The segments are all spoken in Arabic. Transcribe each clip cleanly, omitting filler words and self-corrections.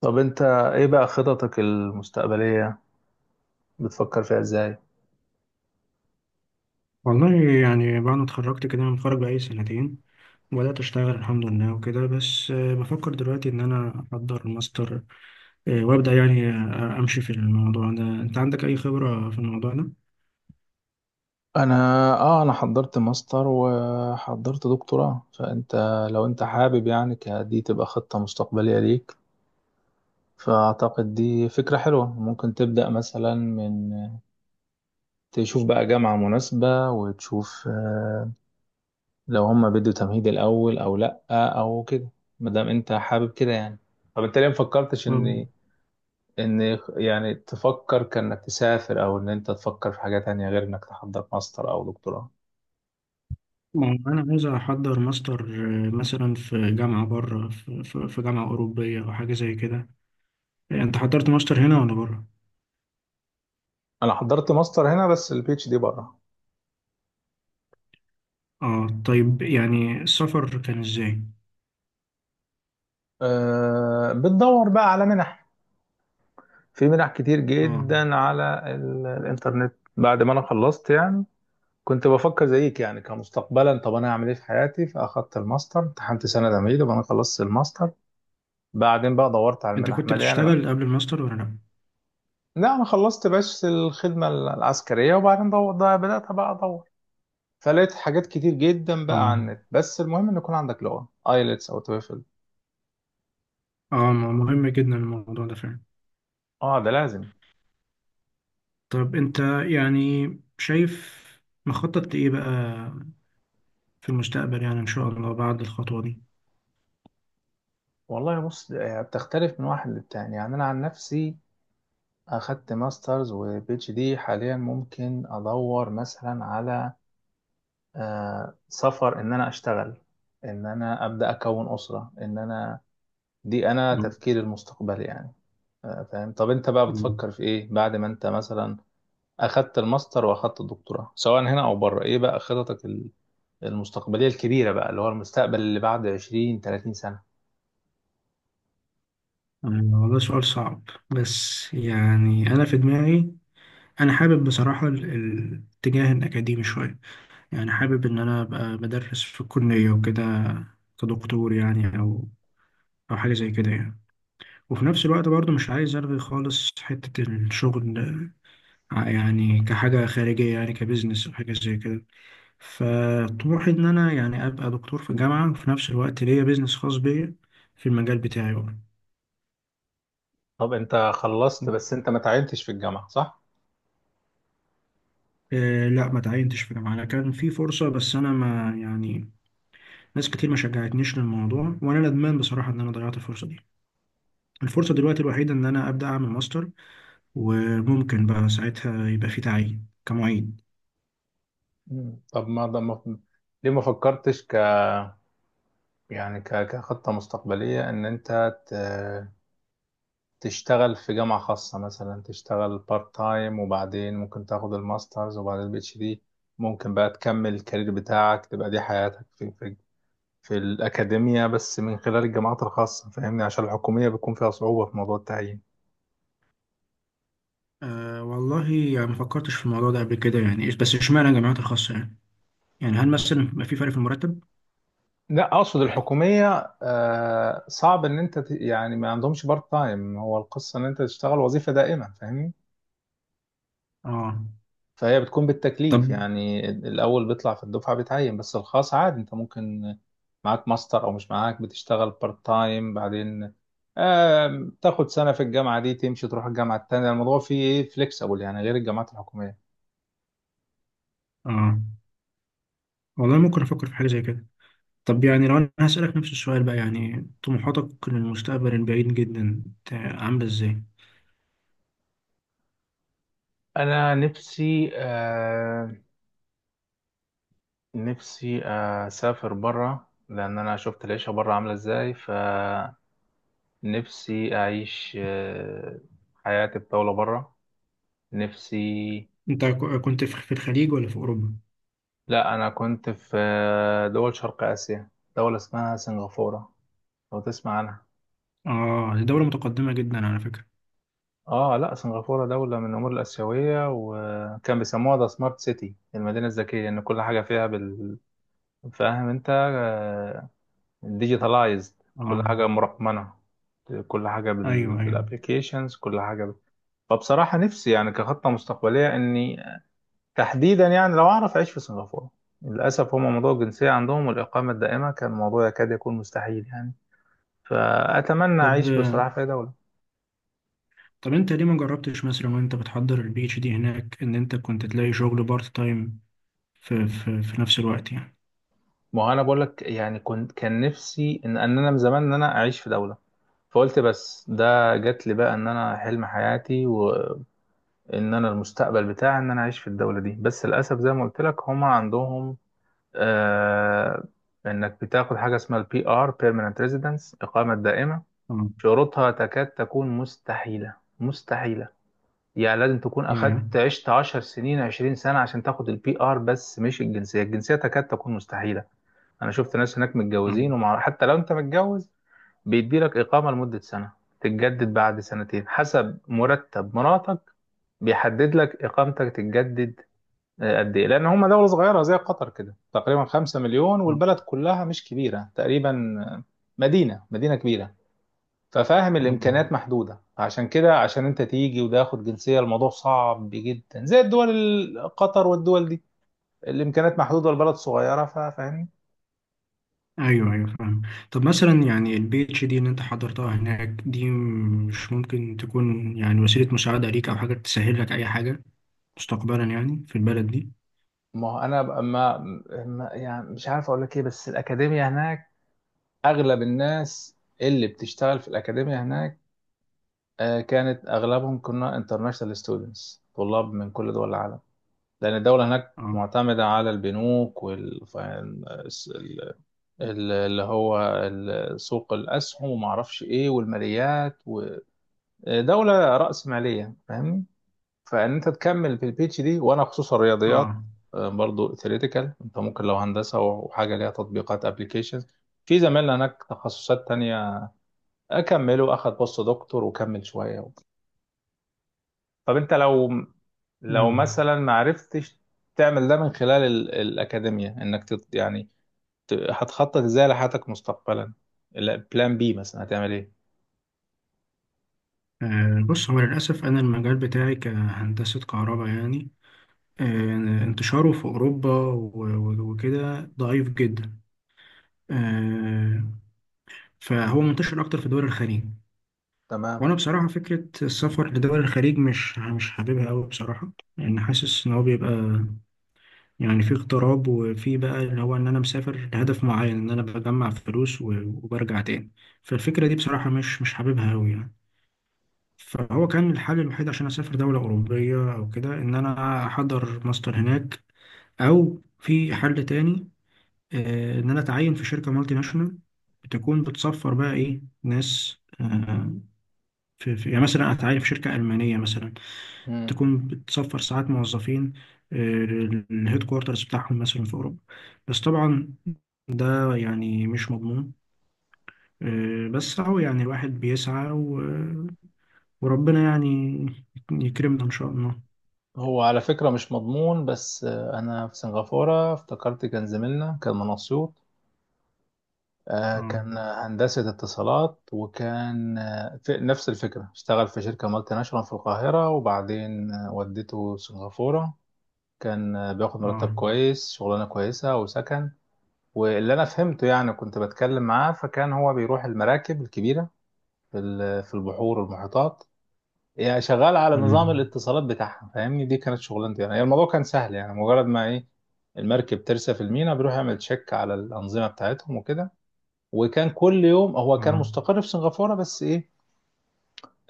طب انت ايه بقى خططك المستقبلية بتفكر فيها ازاي؟ والله يعني بعد ما اتخرجت كده انا متخرج بقالي سنتين وبدأت اشتغل الحمد لله وكده بس بفكر دلوقتي ان انا احضر ماستر. وابدأ يعني امشي في الموضوع ده. انت عندك اي خبرة في الموضوع ده؟ انا اه انا حضرت ماستر وحضرت دكتوراه. فانت لو انت حابب يعني دي تبقى خطة مستقبلية ليك، فاعتقد دي فكرة حلوة. ممكن تبدأ مثلا من تشوف بقى جامعة مناسبة وتشوف لو هم بدوا تمهيد الاول او لا او كده، مادام انت حابب كده يعني. طب انت ليه مفكرتش طب ان يعني تفكر كانك تسافر او ان انت تفكر في حاجة تانية غير انك تحضر ماستر او دكتوراه. ما هو انا عايز احضر ماستر. مثلا في جامعة بره في جامعة اوروبية او حاجة زي كده. انت حضرت ماستر هنا ولا بره؟ انا حضرت ماستر هنا بس البي اتش دي بره. اه، طيب يعني السفر كان ازاي؟ أه، بتدور بقى على منح. في منح كتير اه، جدا على الانترنت بعد ما انا خلصت يعني. كنت بفكر زيك يعني كمستقبلا: طب انا هعمل ايه في حياتي؟ فاخدت الماستر، امتحنت سنه تمهيدي وانا خلصت الماستر، بعدين بقى دورت على انت المنح كنت مليانه بقى. بتشتغل قبل الماستر ولا لا؟ لا، انا خلصت بس الخدمه العسكريه، وبعدين ده بدات بقى ادور. فلقيت حاجات كتير جدا بقى عن اه، النت. بس المهم ان يكون عندك لغه ايلتس او تويفل. اه، مهم جدا الموضوع ده فعلا. اه، ده لازم. طب انت يعني شايف مخطط لإيه بقى في المستقبل يعني إن شاء الله بعد الخطوة دي. والله بص، ده يعني بتختلف من واحد للتاني. يعني انا عن نفسي اخدت ماسترز وبي اتش دي، حاليا ممكن ادور مثلا على سفر، ان انا اشتغل، ان انا ابدا اكون اسره، ان انا دي انا مم. تفكيري المستقبلي يعني. آه، فاهم. طب انت بقى مم. بتفكر في ايه بعد ما انت مثلا اخدت الماستر واخدت الدكتوراه، سواء هنا او بره؟ ايه بقى خططك المستقبلية الكبيرة بقى، اللي هو المستقبل اللي بعد 20 30 سنة؟ آه، والله سؤال صعب. بس يعني أنا في دماغي. أنا حابب بصراحة الاتجاه الأكاديمي شوية. يعني حابب إن أنا أبقى بدرس في الكلية وكده، كدكتور يعني، أو حاجة زي كده يعني. وفي نفس الوقت برضه مش عايز ألغي خالص حتة الشغل. يعني كحاجة خارجية، يعني كبزنس أو حاجة زي كده. فطموحي ان انا يعني ابقى دكتور في الجامعه، وفي نفس الوقت ليا بيزنس خاص بيا في المجال بتاعي بقى. طب انت خلصت بس انت ما تعينتش في الجامعة، صح؟ إيه، لا، ما تعينتش في جامعه. انا كان في فرصه بس انا ما يعني. ناس كتير ما شجعتنيش للموضوع وانا ندمان بصراحه ان انا ضيعت الفرصه دي. الفرصه دلوقتي الوحيده ان انا ابدا اعمل ماستر، وممكن بقى ساعتها يبقى في تعيين كمعيد. مم. طب ما ده ما ليه ما فكرتش يعني كخطة مستقبلية، ان انت تشتغل في جامعة خاصة مثلا، تشتغل بارت تايم وبعدين ممكن تاخد الماسترز وبعدين البي اتش دي؟ ممكن بقى تكمل الكارير بتاعك، تبقى دي حياتك في في الأكاديمية، بس من خلال الجامعات الخاصة، فاهمني؟ عشان الحكومية بيكون فيها صعوبة في موضوع التعيين. أه، والله يعني ما فكرتش في الموضوع ده قبل كده يعني، بس اشمعنى الجامعات الخاصه يعني. يعني هل مثلا بيبقى في فرق في المرتب؟ لا، اقصد الحكوميه، صعب ان انت يعني ما عندهمش بارت تايم، هو القصه ان انت تشتغل وظيفه دائمه، فاهمني. اه. فهي بتكون طب. بالتكليف، يعني الاول بيطلع في الدفعه بيتعين. بس الخاص عادي، انت ممكن معاك ماستر او مش معاك، بتشتغل بارت تايم بعدين، تاخد سنه في الجامعه دي، تمشي تروح الجامعه التانيه. الموضوع فيه ايه، فليكسبل يعني، غير الجامعات الحكوميه. اه. والله ممكن أفكر في حاجة زي كده. طب يعني لو أنا هسألك نفس السؤال بقى، يعني طموحاتك للمستقبل البعيد جدا، عاملة إزاي؟ انا نفسي، نفسي اسافر بره، لان انا شفت العيشه بره عامله ازاي. ف نفسي أعيش حياة الطاولة برا. نفسي. أنت كنت في الخليج ولا في أوروبا؟ لا، أنا كنت في دول شرق آسيا، دولة اسمها سنغافورة، لو تسمع عنها. آه، دي دولة متقدمة جدا على فكرة. آه، لا، سنغافورة دولة من الأمور الآسيوية، وكان بيسموها ذا سمارت سيتي، المدينة الذكية، لأن كل حاجة فيها. فاهم أنت، ديجيتالايزد. كل آه. حاجة مرقمنة، كل حاجة أيوه، أيوه. بالابليكيشنز، كل حاجة فبصراحة نفسي يعني، كخطة مستقبلية، إني تحديدا يعني لو أعرف أعيش في سنغافورة. للأسف، هم موضوع الجنسية عندهم والإقامة الدائمة كان موضوع يكاد يكون مستحيل يعني. فأتمنى طب أعيش بصراحة في أي دولة. طب أنت ليه ما جربتش مثلا وأنت بتحضر البي اتش دي هناك، إن أنت كنت تلاقي شغل بارت تايم في في نفس الوقت يعني؟ ما هو أنا بقول لك يعني، كنت كان نفسي إن أنا من زمان، إن أنا أعيش في دولة. فقلت بس ده جات لي بقى، إن أنا حلم حياتي، وإن أنا المستقبل بتاعي إن أنا أعيش في الدولة دي. بس للأسف زي ما قلت لك، هم عندهم آه إنك بتاخد حاجة اسمها البي آر، بيرمننت ريزيدنس، إقامة دائمة. آه. شروطها تكاد تكون مستحيلة مستحيلة يعني. لازم تكون يا. عشت 10 سنين، 20 سنة، عشان تاخد البي آر. بس مش الجنسية، الجنسية تكاد تكون مستحيلة. أنا شفت ناس هناك آه متجوزين، ومع حتى لو أنت متجوز، بيديلك إقامة لمدة سنة، تتجدد بعد سنتين حسب مرتب مراتك. بيحدد لك إقامتك تتجدد قد إيه، لأن هم دولة صغيرة زي قطر كده تقريبا، 5 مليون، آه والبلد كلها مش كبيرة تقريبا. مدينة كبيرة. ففاهم، آه الامكانيات محدوده. عشان كده، عشان انت تيجي وده ياخد جنسيه، الموضوع صعب جدا، زي الدول قطر والدول دي. الامكانيات محدوده والبلد صغيره، فاهمني. ايوه، ايوه، فاهم. طب مثلا يعني البي اتش دي اللي انت حضرتها هناك دي مش ممكن تكون يعني وسيله مساعده ليك او حاجه تسهل لك اي حاجه مستقبلا يعني في البلد دي؟ ما هو انا يعني مش عارف اقول لك ايه، بس الاكاديميه هناك، اغلب الناس اللي بتشتغل في الاكاديميه هناك، كانت اغلبهم، كنا انترناشونال ستودنتس، طلاب من كل دول العالم، لان الدوله هناك اه. معتمده على البنوك والفاينانس، اللي هو سوق الأسهم وما أعرفش إيه والماليات، ودولة رأسمالية، فاهمني؟ فإن أنت تكمل في البيتش دي، وأنا خصوصا الرياضيات، اه. برضو ثيوريتيكال. أنت ممكن، لو هندسة وحاجة ليها تطبيقات، أبليكيشن، في زمايلنا هناك تخصصات تانية أكمله، أخد بوست دكتور وكمل شوية. طب أنت لو مم. مثلا ما عرفتش تعمل ده من خلال الأكاديمية، إنك يعني هتخطط ازاي لحياتك مستقبلا، لا، بلان بي مثلا، هتعمل ايه؟ بص، هو للاسف انا المجال بتاعي كهندسه كهرباء يعني. انتشاره في اوروبا وكده ضعيف جدا. آه، فهو منتشر اكتر في دول الخليج. تمام. وانا بصراحه فكره السفر لدول الخليج مش حاببها قوي بصراحه. لان حاسس ان هو بيبقى يعني في اغتراب، وفي بقى اللي هو ان انا مسافر لهدف معين ان انا بجمع فلوس وبرجع تاني. فالفكره دي بصراحه مش حاببها قوي يعني. فهو كان الحل الوحيد عشان اسافر دوله اوروبيه او كده ان انا احضر ماستر هناك، او في حل تاني. ان انا اتعين في شركه مالتي ناشونال بتكون بتسفر بقى ايه ناس. يعني مثلا اتعين في شركه المانيه مثلا، مم. تكون بتسفر ساعات موظفين للهيد كوارترز بتاعهم مثلا في أوروبا. بس طبعا ده يعني مش مضمون. بس أهو يعني الواحد بيسعى وربنا يعني يكرمنا إن شاء الله. هو على فكرة مش مضمون، بس أنا في سنغافورة افتكرت، زميلنا كان من أسيوط. اه. كان هندسة اتصالات، وكان في نفس الفكرة، اشتغل في شركة مالتي ناشونال في القاهرة، وبعدين وديته سنغافورة. كان بياخد مرتب اه. كويس، شغلانة كويسة وسكن. واللي أنا فهمته يعني، كنت بتكلم معاه، فكان هو بيروح المراكب الكبيرة في في البحور والمحيطات. يعني شغال على نظام مم. الاتصالات بتاعها، فاهمني. دي كانت شغلانتي يعني، الموضوع كان سهل، يعني مجرد ما ايه، المركب ترسى في الميناء، بيروح يعمل تشيك على الانظمه بتاعتهم وكده. وكان كل يوم، هو كان اه. مستقر في سنغافوره، بس ايه،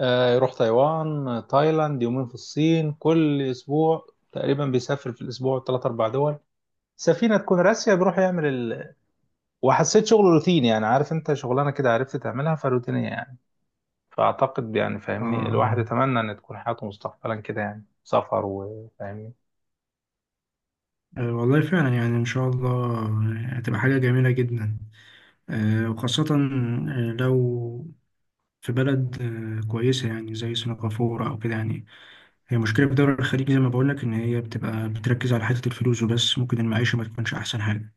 يروح تايوان، تايلاند، يومين في الصين، كل اسبوع تقريبا بيسافر في الاسبوع ثلاث اربع دول. سفينه تكون راسيه، بيروح يعمل وحسيت شغله روتيني يعني. عارف انت، شغلانه كده عرفت تعملها فروتينيه يعني. فأعتقد يعني، اه. فاهمني، الواحد اه. يتمنى إن تكون حياته مستقبلا كده، يعني سفر وفاهمني. والله فعلا يعني ان شاء الله هتبقى حاجة جميلة جدا. وخاصة لو في بلد كويسة يعني زي سنغافورة او كده يعني. هي مشكلة في الدول الخليج زي ما بقول لك إن هي بتبقى بتركز على حتة الفلوس وبس، ممكن المعيشة ما تكونش أحسن حاجة.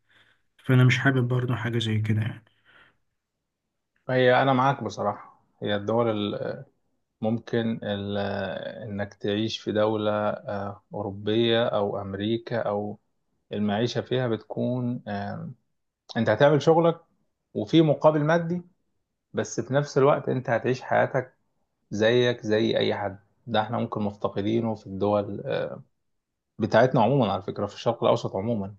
فأنا مش حابب برضه حاجة زي كده يعني. فهي أنا معاك بصراحة، هي الدول ال- ممكن إنك تعيش في دولة أوروبية أو أمريكا، أو المعيشة فيها بتكون، أنت هتعمل شغلك وفي مقابل مادي، بس في نفس الوقت أنت هتعيش حياتك، زيك زي أي حد. ده احنا ممكن مفتقدينه في الدول بتاعتنا عموما على فكرة، في الشرق الأوسط عموما.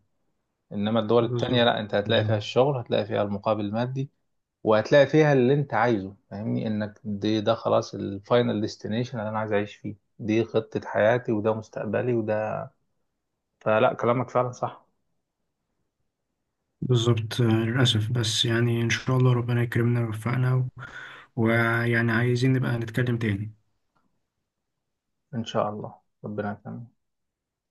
انما الدول التانية بالظبط، لا، انت هتلاقي بالظبط، فيها الشغل، هتلاقي فيها المقابل المادي، وهتلاقي فيها اللي انت عايزه، فاهمني، انك دي، ده خلاص الفاينل ديستنيشن اللي انا عايز اعيش فيه، دي خطة حياتي وده مستقبلي وده. فلا، كلامك فعلا صح. بالظبط. للأسف بس يعني إن شاء الله ربنا يكرمنا ويوفقنا ويعني عايزين نبقى نتكلم تاني. ان شاء الله، ربنا يكرمك.